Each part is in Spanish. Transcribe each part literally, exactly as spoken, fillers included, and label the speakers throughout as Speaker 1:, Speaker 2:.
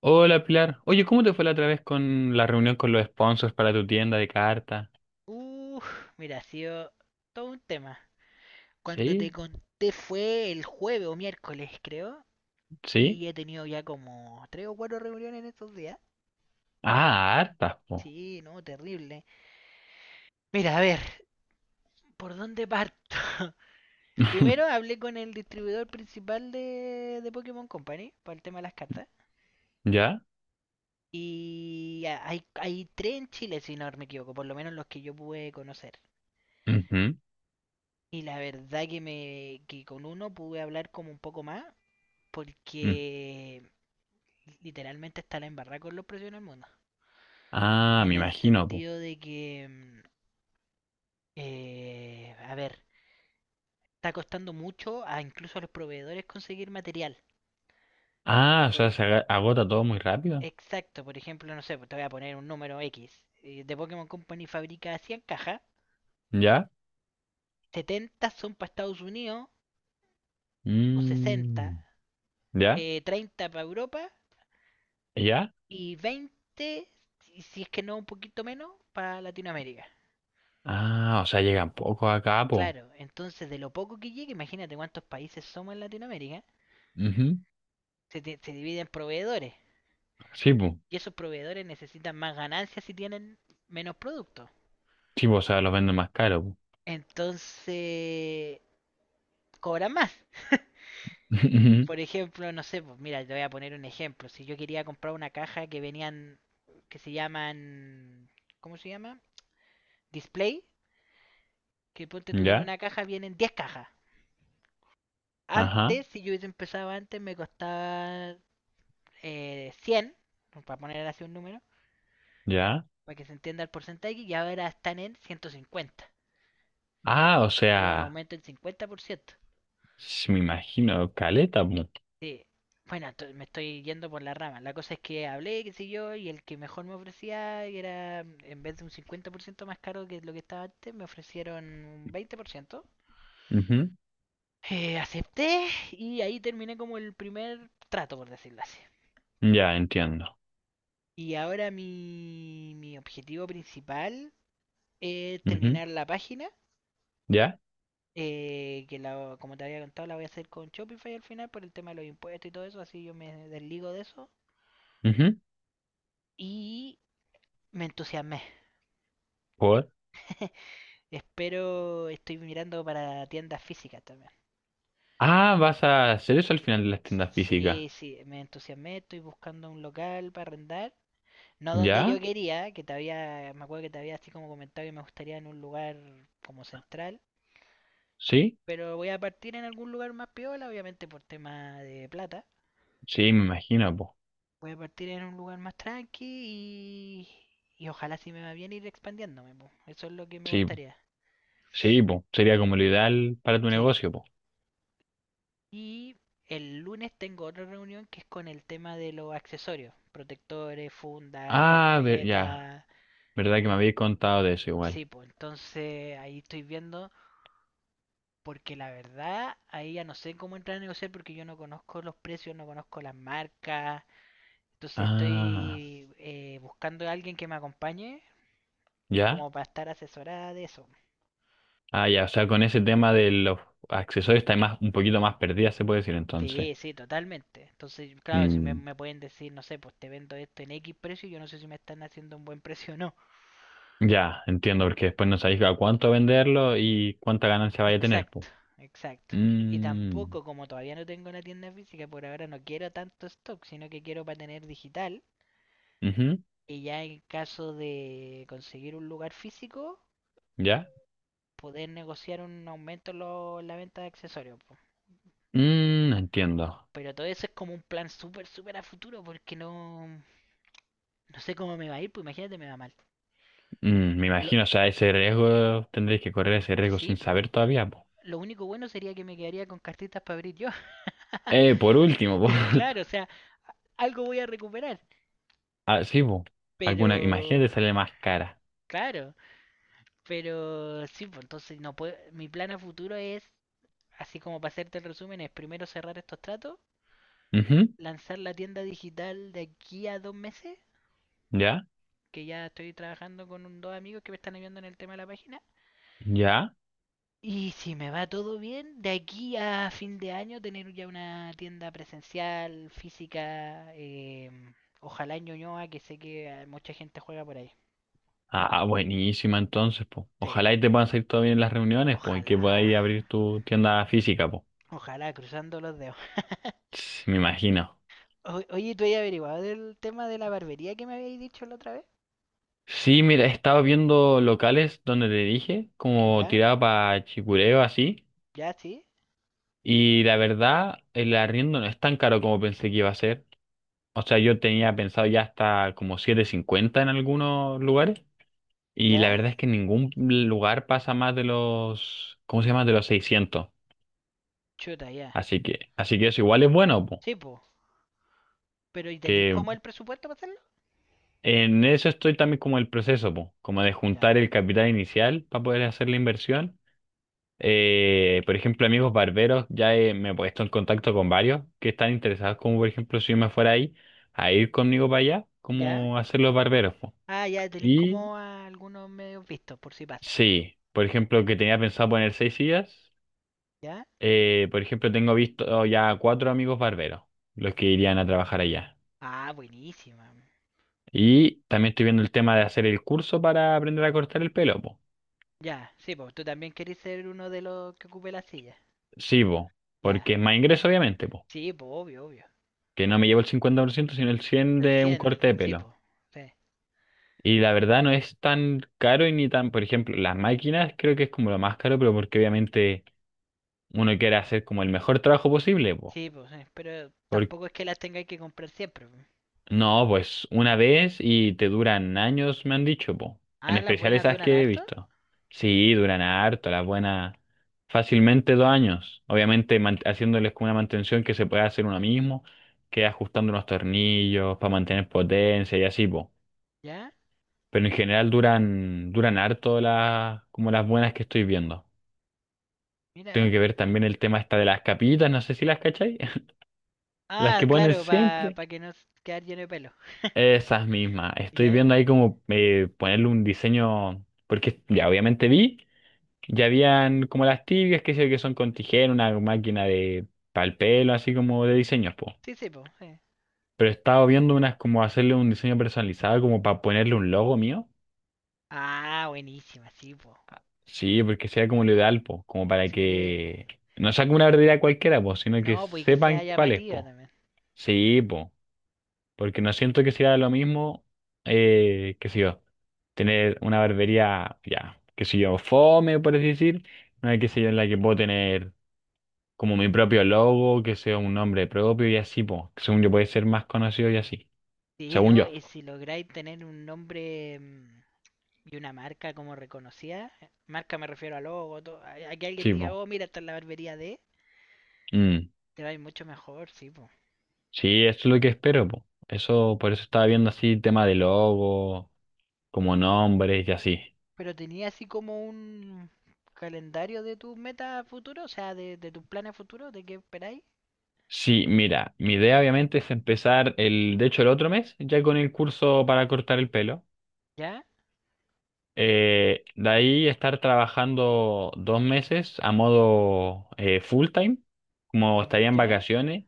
Speaker 1: Hola, Pilar. Oye, ¿cómo te fue la otra vez con la reunión con los sponsors para tu tienda de cartas?
Speaker 2: Uf, mira, ha sido todo un tema. Cuando te
Speaker 1: ¿Sí?
Speaker 2: conté fue el jueves o miércoles, creo.
Speaker 1: ¿Sí?
Speaker 2: Y he tenido ya como tres o cuatro reuniones en estos días.
Speaker 1: Ah, hartas, po.
Speaker 2: Sí, no, terrible. Mira, a ver, ¿por dónde parto? Primero hablé con el distribuidor principal de, de Pokémon Company para el tema de las cartas.
Speaker 1: ¿Ya?
Speaker 2: Y hay, hay tres en Chile, si no me equivoco, por lo menos los que yo pude conocer.
Speaker 1: Ujú.
Speaker 2: Y la verdad que me que con uno pude hablar como un poco más
Speaker 1: Mm.
Speaker 2: porque literalmente está la embarrada con los precios en el mundo.
Speaker 1: Ah,
Speaker 2: En
Speaker 1: me
Speaker 2: el
Speaker 1: imagino, po.
Speaker 2: sentido de que, mm, eh, a ver, está costando mucho a incluso a los proveedores conseguir material.
Speaker 1: Ah, o
Speaker 2: Por,
Speaker 1: sea,
Speaker 2: e-
Speaker 1: se aga- agota todo muy rápido.
Speaker 2: exacto, por ejemplo, no sé, pues te voy a poner un número X. eh, De Pokémon Company fabrica cien cajas,
Speaker 1: ¿Ya?
Speaker 2: setenta son para Estados Unidos, o sesenta,
Speaker 1: Mm. ¿Ya?
Speaker 2: eh, treinta para Europa
Speaker 1: ¿Ya?
Speaker 2: y veinte, si si es que no un poquito menos, para Latinoamérica.
Speaker 1: Ah, o sea, llegan pocos acá, po.
Speaker 2: Claro, entonces de lo poco que llega, imagínate cuántos países somos en Latinoamérica.
Speaker 1: Ujú.
Speaker 2: Se, di- se divide en proveedores.
Speaker 1: Sí, po.
Speaker 2: Y esos proveedores necesitan más ganancias si tienen menos productos.
Speaker 1: Sí, po, o sea, los venden más caro, po.
Speaker 2: Entonces, cobran más.
Speaker 1: Ujú.
Speaker 2: Por ejemplo, no sé, pues mira, te voy a poner un ejemplo. Si yo quería comprar una caja que venían, que se llaman, ¿cómo se llama? Display, que ponte tú que en
Speaker 1: ¿Ya?
Speaker 2: una caja vienen diez cajas.
Speaker 1: Ajá,
Speaker 2: Antes, si yo hubiese empezado antes, me costaba eh, cien, para poner así un número,
Speaker 1: ¿ya?
Speaker 2: para que se entienda el porcentaje, y ahora están en ciento cincuenta,
Speaker 1: Ah, o
Speaker 2: tuvo un
Speaker 1: sea,
Speaker 2: aumento del cincuenta por ciento.
Speaker 1: s- me imagino, caleta, po.
Speaker 2: Sí. Bueno, me estoy yendo por la rama. La cosa es que hablé, qué sé yo, y el que mejor me ofrecía y era, en vez de un cincuenta por ciento más caro que lo que estaba antes, me ofrecieron un veinte por ciento. Eh, acepté y ahí terminé como el primer trato, por decirlo así.
Speaker 1: Ya, entiendo.
Speaker 2: Y ahora mi, mi objetivo principal es
Speaker 1: Ujú.
Speaker 2: terminar la página,
Speaker 1: ¿Ya?
Speaker 2: eh, que la, como te había contado la voy a hacer con Shopify al final por el tema de los impuestos y todo eso, así yo me desligo de eso.
Speaker 1: Ujú.
Speaker 2: Y me entusiasmé.
Speaker 1: ¿Por?
Speaker 2: Espero, estoy mirando para tiendas físicas también.
Speaker 1: Ah, vas a hacer eso al final, de las tiendas físicas.
Speaker 2: Sí, sí, me entusiasmé, estoy buscando un local para arrendar. No donde yo
Speaker 1: ¿Ya?
Speaker 2: quería, que te había, me acuerdo que te había así como comentado que me gustaría en un lugar como central.
Speaker 1: ¿Sí?
Speaker 2: Pero voy a partir en algún lugar más piola, obviamente por tema de plata.
Speaker 1: Sí, me imagino, po.
Speaker 2: Voy a partir en un lugar más tranqui y, y ojalá si me va bien ir expandiéndome, po. Eso es lo que me
Speaker 1: Sí, po.
Speaker 2: gustaría.
Speaker 1: Sí, po. Sería como lo ideal para tu
Speaker 2: Sí.
Speaker 1: negocio, po.
Speaker 2: Y el lunes tengo otra reunión que es con el tema de los accesorios, protectores, fundas,
Speaker 1: Ah, ver, ya.
Speaker 2: carpetas.
Speaker 1: ¿Verdad que me habías contado de eso igual?
Speaker 2: Sí, pues entonces ahí estoy viendo, porque la verdad ahí ya no sé cómo entrar a negociar porque yo no conozco los precios, no conozco las marcas. Entonces
Speaker 1: Ah,
Speaker 2: estoy eh, buscando a alguien que me acompañe
Speaker 1: ¿ya?
Speaker 2: como para estar asesorada de eso.
Speaker 1: Ah, ya. O sea, con ese tema de los accesorios está más, un poquito más perdida, se puede decir entonces.
Speaker 2: Sí, sí, totalmente. Entonces, claro, si me,
Speaker 1: Mm,
Speaker 2: me pueden decir, no sé, pues te vendo esto en X precio, yo no sé si me están haciendo un buen precio o no.
Speaker 1: ya, entiendo, porque después no sabéis a cuánto venderlo y cuánta ganancia vaya a tener, po.
Speaker 2: Exacto, exacto. Y
Speaker 1: Mm.
Speaker 2: tampoco, como todavía no tengo una tienda física, por ahora no quiero tanto stock, sino que quiero para tener digital.
Speaker 1: Ujú.
Speaker 2: Y ya en caso de conseguir un lugar físico,
Speaker 1: ¿Ya?
Speaker 2: poder negociar un aumento en lo- en la venta de accesorios, po.
Speaker 1: Mm, entiendo.
Speaker 2: Pero todo eso es como un plan súper, súper a futuro, porque no, no sé cómo me va a ir, pues imagínate, me va mal.
Speaker 1: Mm, me
Speaker 2: Lo,
Speaker 1: imagino, o sea, ese riesgo, tendréis que correr ese riesgo
Speaker 2: sí,
Speaker 1: sin
Speaker 2: pues.
Speaker 1: saber todavía, po.
Speaker 2: Lo único bueno sería que me quedaría con cartitas para abrir yo.
Speaker 1: Eh, por último, po.
Speaker 2: Claro, o sea, algo voy a recuperar.
Speaker 1: Ah, sí, po. Alguna,
Speaker 2: Pero,
Speaker 1: imagínate, sale más cara.
Speaker 2: claro. Pero sí, pues entonces no puedo. Mi plan a futuro es, así como para hacerte el resumen, es primero cerrar estos tratos,
Speaker 1: Ujú.
Speaker 2: lanzar la tienda digital de aquí a dos meses,
Speaker 1: ¿Ya?
Speaker 2: que ya estoy trabajando con un- dos amigos que me están ayudando en el tema de la página.
Speaker 1: ¿Ya?
Speaker 2: Y si me va todo bien, de aquí a fin de año tener ya una tienda presencial, física, em, ojalá en Ñuñoa, que sé que eh, mucha gente juega por ahí.
Speaker 1: Ah, buenísima entonces, po.
Speaker 2: Sí,
Speaker 1: Ojalá y te puedan salir todo bien las reuniones, po, y que
Speaker 2: ojalá,
Speaker 1: podáis abrir tu tienda física, po.
Speaker 2: ojalá, cruzando los dedos.
Speaker 1: Ts, me imagino.
Speaker 2: O- oye, ¿tú has averiguado del tema de la barbería que me habéis dicho la otra vez?
Speaker 1: Sí, mira, he estado viendo locales donde te dije, como
Speaker 2: ¿Ya?
Speaker 1: tirado para Chicureo, así.
Speaker 2: ¿Ya, sí?
Speaker 1: Y la verdad, el arriendo no es tan caro como pensé que iba a ser. O sea, yo tenía pensado ya hasta como siete cincuenta en algunos lugares. Y la
Speaker 2: ¿Ya?
Speaker 1: verdad es que en ningún lugar pasa más de los, ¿cómo se llama? De los seiscientos.
Speaker 2: Chuta, ya.
Speaker 1: Así que, así que eso igual es bueno, po.
Speaker 2: Sí, po. Pero ¿y tenéis
Speaker 1: Que
Speaker 2: como el presupuesto para hacerlo?
Speaker 1: en eso estoy también, como el proceso, po, como de
Speaker 2: Ya.
Speaker 1: juntar el capital inicial para poder hacer la inversión. Eh, por ejemplo, amigos barberos, ya he- me he puesto en contacto con varios que están interesados, como por ejemplo, si yo me fuera ahí, a ir conmigo para allá,
Speaker 2: ¿Ya?
Speaker 1: como hacer los barberos, po.
Speaker 2: Ah, ya, tenéis
Speaker 1: Y
Speaker 2: como a algunos medios vistos, por si pasa.
Speaker 1: sí, por ejemplo, que tenía pensado poner seis sillas,
Speaker 2: ¿Ya?
Speaker 1: eh, por ejemplo, tengo visto ya cuatro amigos barberos, los que irían a trabajar allá.
Speaker 2: Ah, buenísima.
Speaker 1: Y también estoy viendo el tema de hacer el curso para aprender a cortar el pelo, po.
Speaker 2: Ya, sí, po. Tú también querés ser uno de los que ocupe la silla.
Speaker 1: Sí, po,
Speaker 2: Ya.
Speaker 1: porque es más ingreso, obviamente, po,
Speaker 2: Sí, po, obvio, obvio.
Speaker 1: que no me llevo el cincuenta por ciento sino el cien por ciento
Speaker 2: Del
Speaker 1: de un
Speaker 2: cien, del...
Speaker 1: corte de
Speaker 2: Sí,
Speaker 1: pelo.
Speaker 2: po. Sí.
Speaker 1: Y la verdad no es tan caro y ni tan, por ejemplo, las máquinas creo que es como lo más caro, pero porque obviamente uno quiere hacer como el mejor trabajo posible, po.
Speaker 2: Sí, po, sí. Pero
Speaker 1: Por-
Speaker 2: tampoco es que las tengáis que comprar siempre, po.
Speaker 1: no, pues una vez y te duran años, me han dicho, po. En
Speaker 2: Ah, las
Speaker 1: especial
Speaker 2: buenas
Speaker 1: esas
Speaker 2: duran
Speaker 1: que he
Speaker 2: harto.
Speaker 1: visto. Sí, duran harto, las buenas, fácilmente dos años. Obviamente man- haciéndoles como una mantención que se puede hacer uno mismo, que ajustando unos tornillos para mantener potencia y así, po.
Speaker 2: ¿Ya?
Speaker 1: Pero en general duran, duran harto las, como las buenas que estoy viendo. Tengo
Speaker 2: Mira.
Speaker 1: que ver también el tema esta de las capitas, no sé si las cachai. Las
Speaker 2: Ah,
Speaker 1: que ponen
Speaker 2: claro,
Speaker 1: siempre.
Speaker 2: para que no s- quedar lleno de pelo.
Speaker 1: Esas mismas. Estoy
Speaker 2: ¿Ya?
Speaker 1: viendo ahí como, eh, ponerle un diseño, porque ya obviamente vi, ya habían como las tibias, que sé yo, que son con tijera, una máquina de pal pelo, así como de diseños, po.
Speaker 2: Sí, sí, po, sí.
Speaker 1: Pero he estado viendo unas como hacerle un diseño personalizado, como para ponerle un logo mío.
Speaker 2: Ah, buenísima, sí, po.
Speaker 1: Sí, porque sea como lo ideal, po, como para
Speaker 2: Sí.
Speaker 1: que no sea como una verdadera cualquiera, po, sino que
Speaker 2: No, pues y que
Speaker 1: sepan
Speaker 2: sea
Speaker 1: cuál es,
Speaker 2: llamativa
Speaker 1: po.
Speaker 2: también.
Speaker 1: Sí, po, porque no siento que sea lo mismo, eh, qué sé yo, tener una barbería, ya, qué sé yo, fome, por así decir, una qué sé yo, en la que puedo tener como mi propio logo, que sea un nombre propio y así, po, que según yo puede ser más conocido y así,
Speaker 2: Sí,
Speaker 1: según
Speaker 2: no,
Speaker 1: yo,
Speaker 2: y si lográis tener un nombre, mm, y una marca como reconocida, eh, marca me refiero a logo, todo, a, a que alguien
Speaker 1: sí,
Speaker 2: diga,
Speaker 1: po.
Speaker 2: oh, mira, esta es la barbería de,
Speaker 1: Mm.
Speaker 2: te va a ir mucho mejor, sí, po.
Speaker 1: Sí, eso es lo que espero, po. Eso, por eso estaba viendo así tema de logo, como nombres y así.
Speaker 2: Pero tenía así como un calendario de tus metas futuros, o sea, de, de tus planes futuros, de qué esperáis.
Speaker 1: Sí, mira, mi idea obviamente es empezar el, de hecho el otro mes, ya con el curso para cortar el pelo.
Speaker 2: ¿Ya?
Speaker 1: Eh, de ahí estar trabajando dos meses a modo, eh, full time, como estaría en
Speaker 2: ¿Ya?
Speaker 1: vacaciones,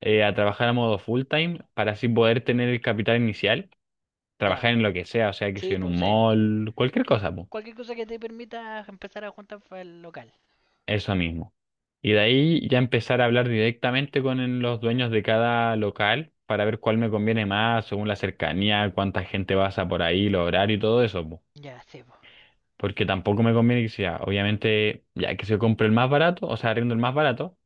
Speaker 1: eh, a trabajar a modo full time para así poder tener el capital inicial,
Speaker 2: Ya.
Speaker 1: trabajar en lo que sea, o sea que sea
Speaker 2: Sí,
Speaker 1: en un
Speaker 2: pues sí.
Speaker 1: mall, cualquier cosa, po.
Speaker 2: Cualquier cosa que te permita empezar a juntar para el local.
Speaker 1: Eso mismo. Y de ahí ya empezar a hablar directamente con el- los dueños de cada local para ver cuál me conviene más, según la cercanía, cuánta gente pasa por ahí, los horarios y todo eso, po.
Speaker 2: Ya, sí, pues.
Speaker 1: Porque tampoco me conviene que sea, obviamente, ya que se compre el más barato, o sea, arriendo el más barato,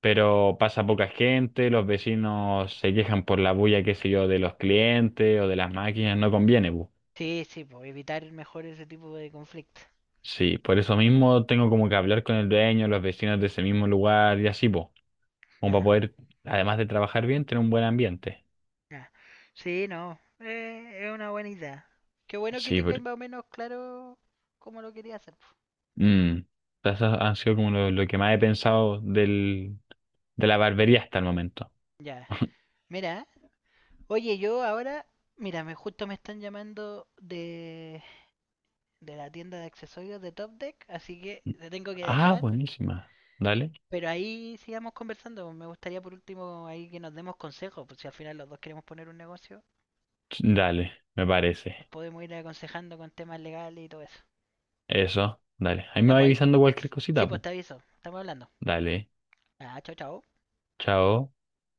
Speaker 1: pero pasa poca gente, los vecinos se quejan por la bulla, qué sé yo, de los clientes o de las máquinas, no conviene, po.
Speaker 2: Sí, sí, pues evitar mejor ese tipo de conflicto.
Speaker 1: Sí, por eso mismo tengo como que hablar con el dueño, los vecinos de ese mismo lugar y así, po, como para
Speaker 2: Ya,
Speaker 1: poder, además de trabajar bien, tener un buen ambiente.
Speaker 2: ya. Sí, no. Eh, es una buena idea. Qué bueno que
Speaker 1: Sí,
Speaker 2: tengáis
Speaker 1: porque
Speaker 2: más o menos claro cómo lo quería hacer, po.
Speaker 1: mm, eso ha sido como lo, lo que más he pensado del, de la barbería hasta el momento.
Speaker 2: Ya. Mira, oye, yo ahora, mira, me justo me están llamando de, de la tienda de accesorios de Top Deck, así que te tengo que
Speaker 1: Ah,
Speaker 2: dejar.
Speaker 1: buenísima. Dale.
Speaker 2: Pero ahí sigamos conversando. Me gustaría por último ahí que nos demos consejos, pues si al final los dos queremos poner un negocio,
Speaker 1: Dale, me parece.
Speaker 2: nos podemos ir aconsejando con temas legales y todo eso.
Speaker 1: Eso, dale. Ahí me
Speaker 2: Ya,
Speaker 1: va
Speaker 2: pues ahí.
Speaker 1: avisando cualquier
Speaker 2: Sí,
Speaker 1: cosita,
Speaker 2: pues
Speaker 1: pu.
Speaker 2: te aviso. Estamos hablando.
Speaker 1: Dale.
Speaker 2: Ah, chao, chao.
Speaker 1: Chao.